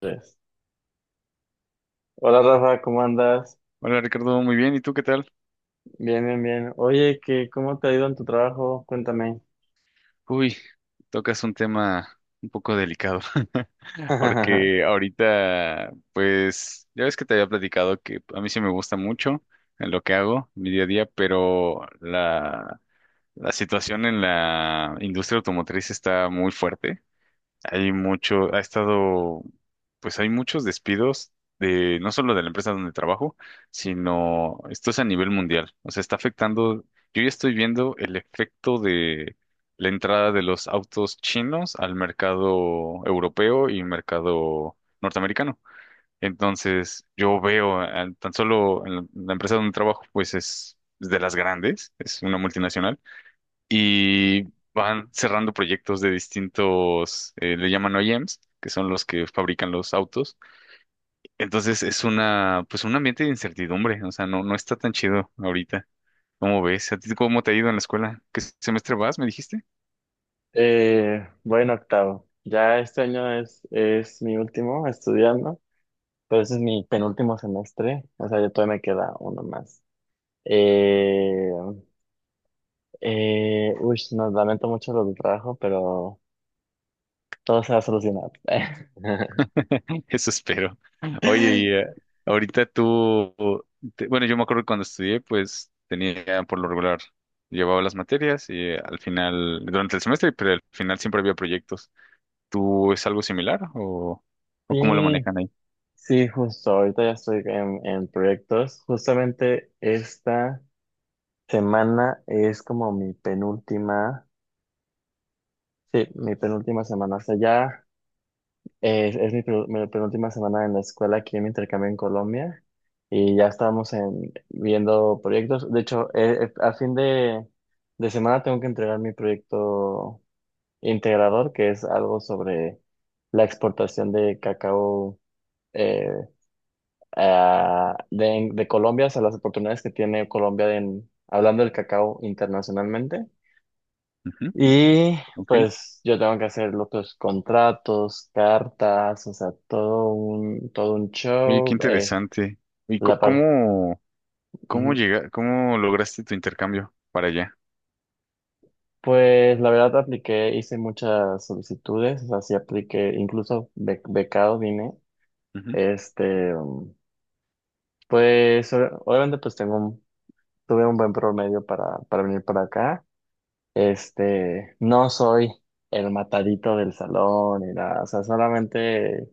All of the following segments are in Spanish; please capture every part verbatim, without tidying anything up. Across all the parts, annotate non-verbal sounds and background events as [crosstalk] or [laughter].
Tres. Hola Rafa, ¿cómo andas? Hola Ricardo, muy bien. ¿Y tú qué tal? Bien, bien, bien. Oye, ¿qué, cómo te ha ido en tu trabajo? Cuéntame. Uy, tocas un tema un poco delicado, [laughs] [laughs] porque ahorita, pues, ya ves que te había platicado que a mí sí me gusta mucho en lo que hago, mi día a día, pero la, la situación en la industria automotriz está muy fuerte. Hay mucho, ha estado, pues hay muchos despidos de, no solo de la empresa donde trabajo, sino esto es a nivel mundial. O sea, está afectando, yo ya estoy viendo el efecto de la entrada de los autos chinos al mercado europeo y mercado norteamericano. Entonces, yo veo eh, tan solo en la la empresa donde trabajo, pues es de las grandes, es una multinacional y van cerrando proyectos de distintos, eh, le llaman O E Ms, que son los que fabrican los autos. Entonces es una, pues un ambiente de incertidumbre, o sea, no, no está tan chido ahorita. ¿Cómo ves? ¿A ti cómo te ha ido en la escuela? ¿Qué semestre vas, me dijiste? Eh, bueno, octavo. Ya este año es, es mi último estudiando, pero ese es mi penúltimo semestre, o sea, ya todavía me queda uno más. Eh, eh, uy, nos lamento mucho lo del trabajo, pero todo se va a solucionar. [laughs] [laughs] Eso espero. Oye, y eh, ahorita tú, te- bueno, yo me acuerdo que cuando estudié, pues tenía por lo regular, llevaba las materias y eh, al final, durante el semestre, pero al final siempre había proyectos. ¿Tú es algo similar o, o cómo lo Sí, manejan ahí? sí, justo, ahorita ya estoy en, en proyectos. Justamente esta semana es como mi penúltima, sí, mi penúltima semana, o sea, ya es, es mi, penu- mi penúltima semana en la escuela aquí en mi intercambio en Colombia y ya estamos en, viendo proyectos. De hecho, eh, eh, a fin de, de semana tengo que entregar mi proyecto integrador, que es algo sobre la exportación de cacao eh, a- de, de Colombia, o sea, las oportunidades que tiene Colombia en, hablando del cacao internacionalmente. Ujú, Y ok. pues yo tengo que hacer los otros contratos, cartas, o sea, todo un, todo un Oye, qué show. eh, interesante. ¿Y co- la par- cómo, cómo Ujú. llega, cómo lograste tu intercambio para allá? Pues la verdad apliqué, hice muchas solicitudes, o sea, sí apliqué, incluso be- becado vine. Ujú. Este, um, pues o- obviamente pues tengo un- tuve un buen promedio para, para venir para acá. Este, no soy el matadito del salón ni nada, o sea, solamente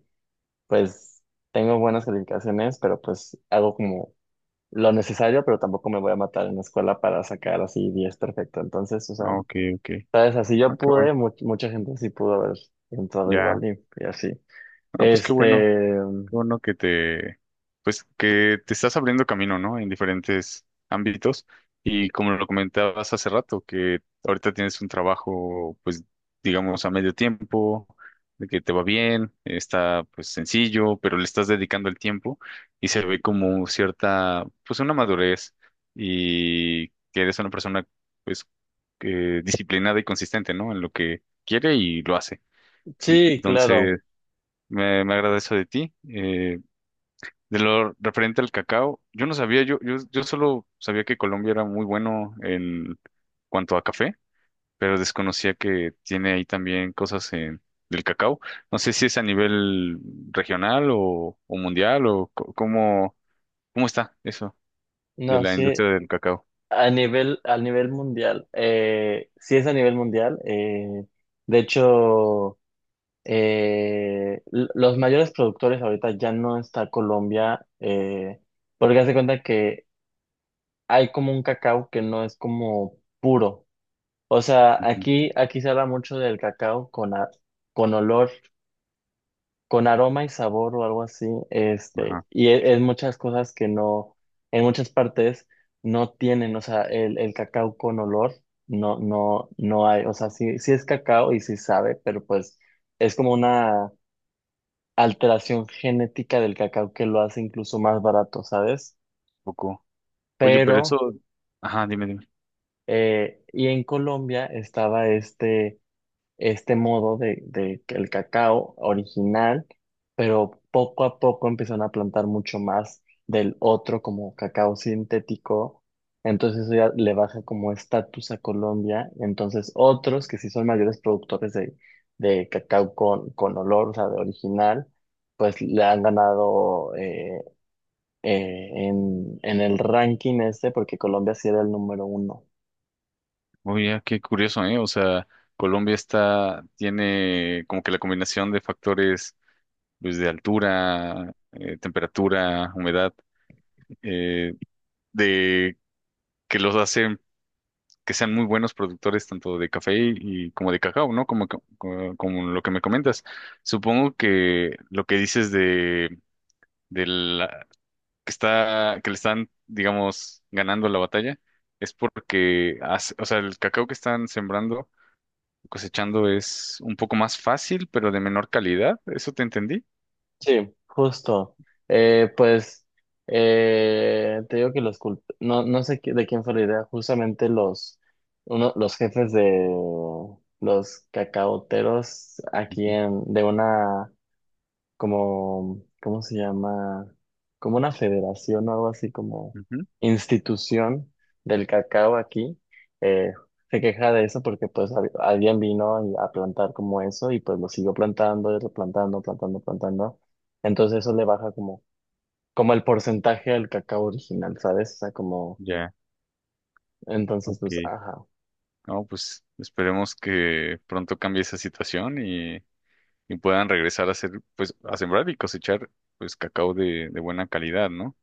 pues tengo buenas calificaciones, pero pues hago como lo necesario, pero tampoco me voy a matar en la escuela para sacar así diez perfecto. Entonces, o sea, Ah, ok, ok. sabes, así Ah, yo qué bueno. pude, mu- mucha gente sí pudo haber entrado Ya. igual y, y así. Ah, pues qué bueno. Este, Qué bueno que te, pues que te estás abriendo camino, ¿no? En diferentes ámbitos. Y como lo comentabas hace rato, que ahorita tienes un trabajo, pues, digamos, a medio tiempo, de que te va bien, está pues sencillo, pero le estás dedicando el tiempo y se ve como cierta, pues una madurez y que eres una persona, pues, que disciplinada y consistente, ¿no? En lo que quiere y lo hace. sí, claro, Entonces, me, me agrada eso de ti. Eh, de lo referente al cacao, yo no sabía, yo, yo, yo solo sabía que Colombia era muy bueno en cuanto a café, pero desconocía que tiene ahí también cosas en, del cacao. No sé si es a nivel regional o, o mundial o co- cómo, cómo está eso de no, la sí, industria del cacao. a nivel, a nivel mundial, eh, sí es a nivel mundial, eh, de hecho eh, l- los mayores productores ahorita ya no está Colombia, eh, porque hace cuenta que hay como un cacao que no es como puro. O sea, Ujú, aquí, aquí se habla mucho del cacao con, a- con olor, con aroma y sabor o algo así. ajá, Este, un y e- es, muchas cosas que no, en muchas partes no tienen, o sea, el, el cacao con olor no, no, no hay. O sea, sí, sí es cacao y sí sabe, pero pues es como una alteración genética del cacao que lo hace incluso más barato, ¿sabes? poco. Oye, pero eso, Pero ajá, dime, dime. Eh, y en Colombia estaba este, este modo de, de que el cacao original, pero poco a poco empezaron a plantar mucho más del otro como cacao sintético. Entonces eso ya le baja como estatus a Colombia. Entonces otros que sí son mayores productores de, de cacao con, con olor, o sea, de original, pues le han ganado eh, eh, en, en el ranking este porque Colombia sí era el número uno. Oye, qué curioso, ¿eh? O sea, Colombia está, tiene como que la combinación de factores luz de altura, eh, temperatura, humedad, eh, de que los hacen que sean muy buenos productores tanto de café y como de cacao, ¿no? Como, co- co- como, lo que me comentas. Supongo que lo que dices de, de la, que está, que le están, digamos, ganando la batalla es porque, hace- o sea, el cacao que están sembrando, cosechando es un poco más fácil, pero de menor calidad. ¿Eso te entendí? Sí, justo. Eh, pues eh, te digo que los cult- no, no sé qui- de quién fue la idea, justamente los, uno, los jefes de los cacaoteros aquí Ujú, en, de una como, ¿cómo se llama? Como una federación o algo así como ujú. institución del cacao aquí, eh, se queja de eso porque pues hab- alguien vino y- a plantar como eso y pues lo siguió plantando y replantando, plantando, plantando. Entonces eso le baja como, como el porcentaje del cacao original, ¿sabes? O sea, como, Ya, entonces pues, ok. ajá. No, pues esperemos que pronto cambie esa situación y, y puedan regresar a hacer, pues, a sembrar y cosechar, pues, cacao de, de buena calidad, ¿no?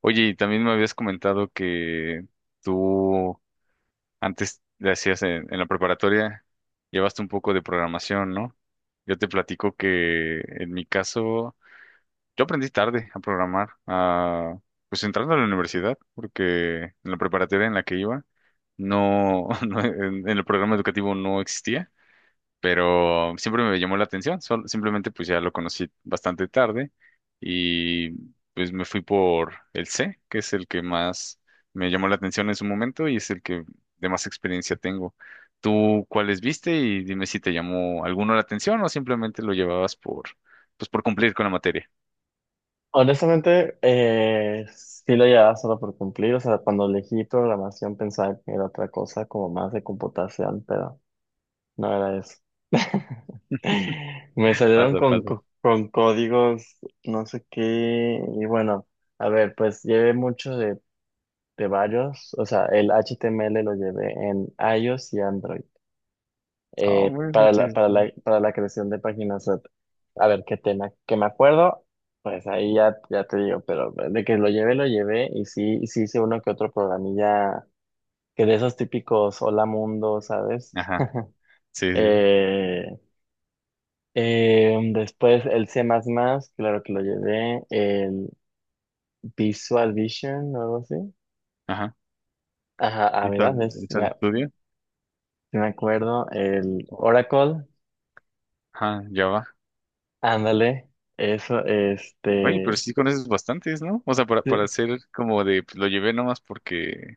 Oye, y también me habías comentado que tú antes le hacías en, en la preparatoria, llevaste un poco de programación, ¿no? Yo te platico que en mi caso, yo aprendí tarde a programar, a, pues entrando a la universidad, porque en la preparatoria en la que iba, no, [laughs] no en en el programa educativo no existía, pero siempre me llamó la atención, sol- simplemente pues ya lo conocí bastante tarde y pues me fui por el C, que es el que más me llamó la atención en su momento y es el que de más experiencia tengo. ¿Tú cuáles viste y dime si te llamó alguno la atención o simplemente lo llevabas por pues por cumplir con la materia? Honestamente, eh, sí lo llevaba solo por cumplir. O sea, cuando elegí programación pensaba que era otra cosa, como más de computación, pero no era eso. [laughs] Me salieron Paso, con, paso. co- con códigos, no sé qué, y bueno, a ver, pues llevé mucho de, de varios, o sea, el H T M L lo llevé en iOS y Android, Ah, eh, bueno, pues, para sí, la, para sí. la, para la creación de páginas web. A ver, qué tema, que me acuerdo, pues ahí ya, ya te digo, pero de que lo llevé, lo llevé, y sí, y sí hice uno que otro programilla, que de esos típicos hola mundo, ¿sabes? Ajá, [laughs] sí, sí, sí. Eh, Eh, después el C++, claro que lo llevé, el Visual Vision o algo así. Ajá, Ajá, ah, ¿hizo, mira, ves, hizo el me, estudio? sí me acuerdo, el O- Oracle, ajá, ya va. ándale, eso, Oye, pero este. sí conoces bastantes, ¿no? O sea, para, para Sí, hacer como de, pues, lo llevé nomás porque,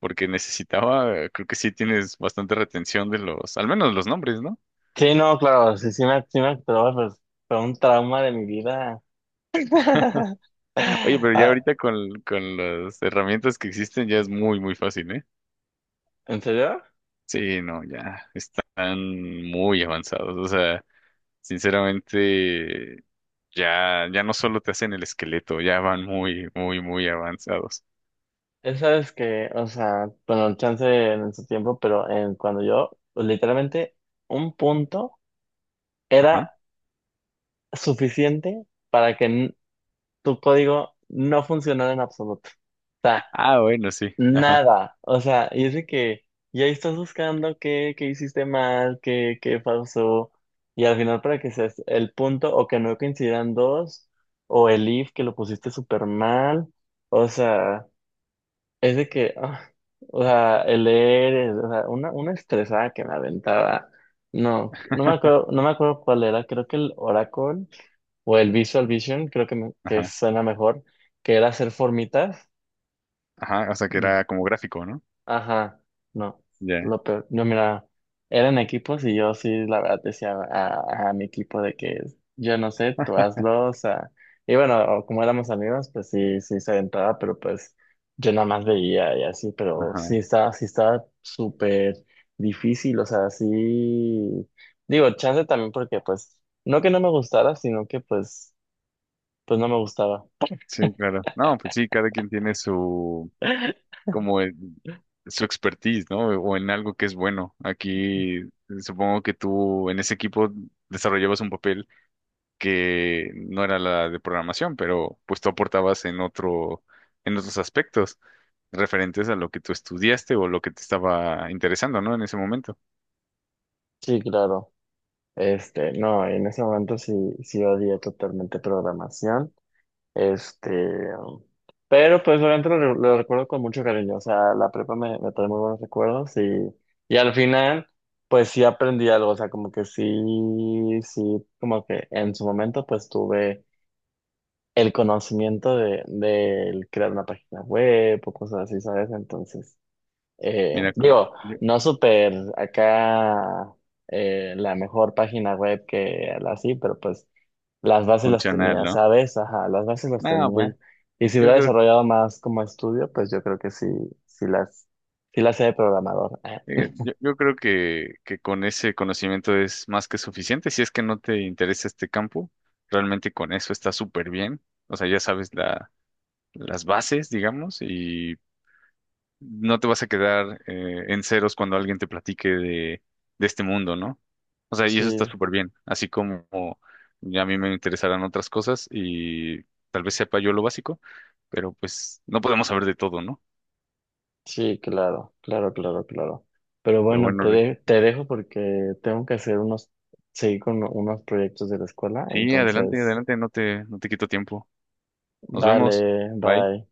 porque necesitaba, creo que sí tienes bastante retención de los, al menos los nombres, ¿no? sí, no, claro, sí, sí me, sí me acuerdo, pues fue un trauma de mi vida. [laughs] Oye, pero ya Ah, ahorita con, con las herramientas que existen ya es muy, muy fácil, ¿eh? ¿en serio? Sí, no, ya están muy avanzados. O sea, sinceramente, ya, ya no solo te hacen el esqueleto, ya van muy, muy, muy avanzados. Esa es que, o sea, bueno, el chance en su tiempo, pero en, cuando yo, pues, literalmente, un punto Ajá. era suficiente para que n- tu código no funcionara en absoluto. O sea, Ah, bueno, sí. Ajá, nada. O sea, y es de que ya estás buscando qué, qué hiciste mal, qué, qué pasó. Y al final para que seas el punto o que no coincidan dos, o el if que lo pusiste súper mal. O sea, es de que, ah, o sea, el leer, el- o sea, una, una estresada que me aventaba. No, no me acuerdo, no me acuerdo cuál era, creo que el Oracle o el Visual Vision, creo que, me- que ajá, suena mejor, que era hacer formitas. ajá. O sea, que Mm, era como gráfico, ¿no? ajá, no, Ya, lo peor, no, mira, eran equipos y yo sí, la verdad, decía a, a mi equipo de que yo no sé, tú hazlo, o sea, y bueno, como éramos amigos, pues sí, sí se aventaba, pero pues yo nada más veía y así, pero sí ajá. estaba, sí estaba súper difícil, o sea, sí, digo, chance también porque pues, no que no me gustara, sino que pues, pues no me gustaba. Sí, claro. No, pues sí, cada quien tiene su, como el- su expertise, ¿no? O en algo que es bueno. Aquí supongo que tú en ese equipo desarrollabas un papel que no era la de programación, pero pues tú aportabas en otro, en otros aspectos referentes a lo que tú estudiaste o lo que te estaba interesando, ¿no? En ese momento. Sí, claro. Este, no, en ese momento sí, sí odié totalmente programación. Este, pero pues obviamente lo, re- lo recuerdo con mucho cariño. O sea, la prepa me, me trae muy buenos recuerdos y, y al final, pues sí aprendí algo. O sea, como que sí, sí, como que en su momento pues tuve el conocimiento de, de crear una página web o cosas así, ¿sabes? Entonces eh, Mira, co- digo, yo- no súper acá eh, la mejor página web que la así, pero pues las bases las funcional, tenía, ¿no? ¿sabes? Ajá, las bases las No, pues tenía. Y si yo hubiera creo. desarrollado más como estudio, pues yo creo que sí, sí las, sí las sé de programador. Ah, Eh, Yo, yo creo que, que con ese conocimiento es más que suficiente. Si es que no te interesa este campo, realmente con eso está súper bien. O sea, ya sabes la, las bases, digamos, y no te vas a quedar eh, en ceros cuando alguien te platique de, de este mundo, ¿no? O sea, y eso está sí, súper bien. Así como ya a mí me interesarán otras cosas y tal vez sepa yo lo básico, pero pues no podemos saber de todo, ¿no? sí, claro, claro, claro, claro. Pero Pero bueno, te, bueno, Rick, de- te dejo porque tengo que hacer unos, seguir con unos proyectos de la escuela, sí, adelante, entonces, adelante, no te, no te quito tiempo. Nos vemos. vale, Bye. bye.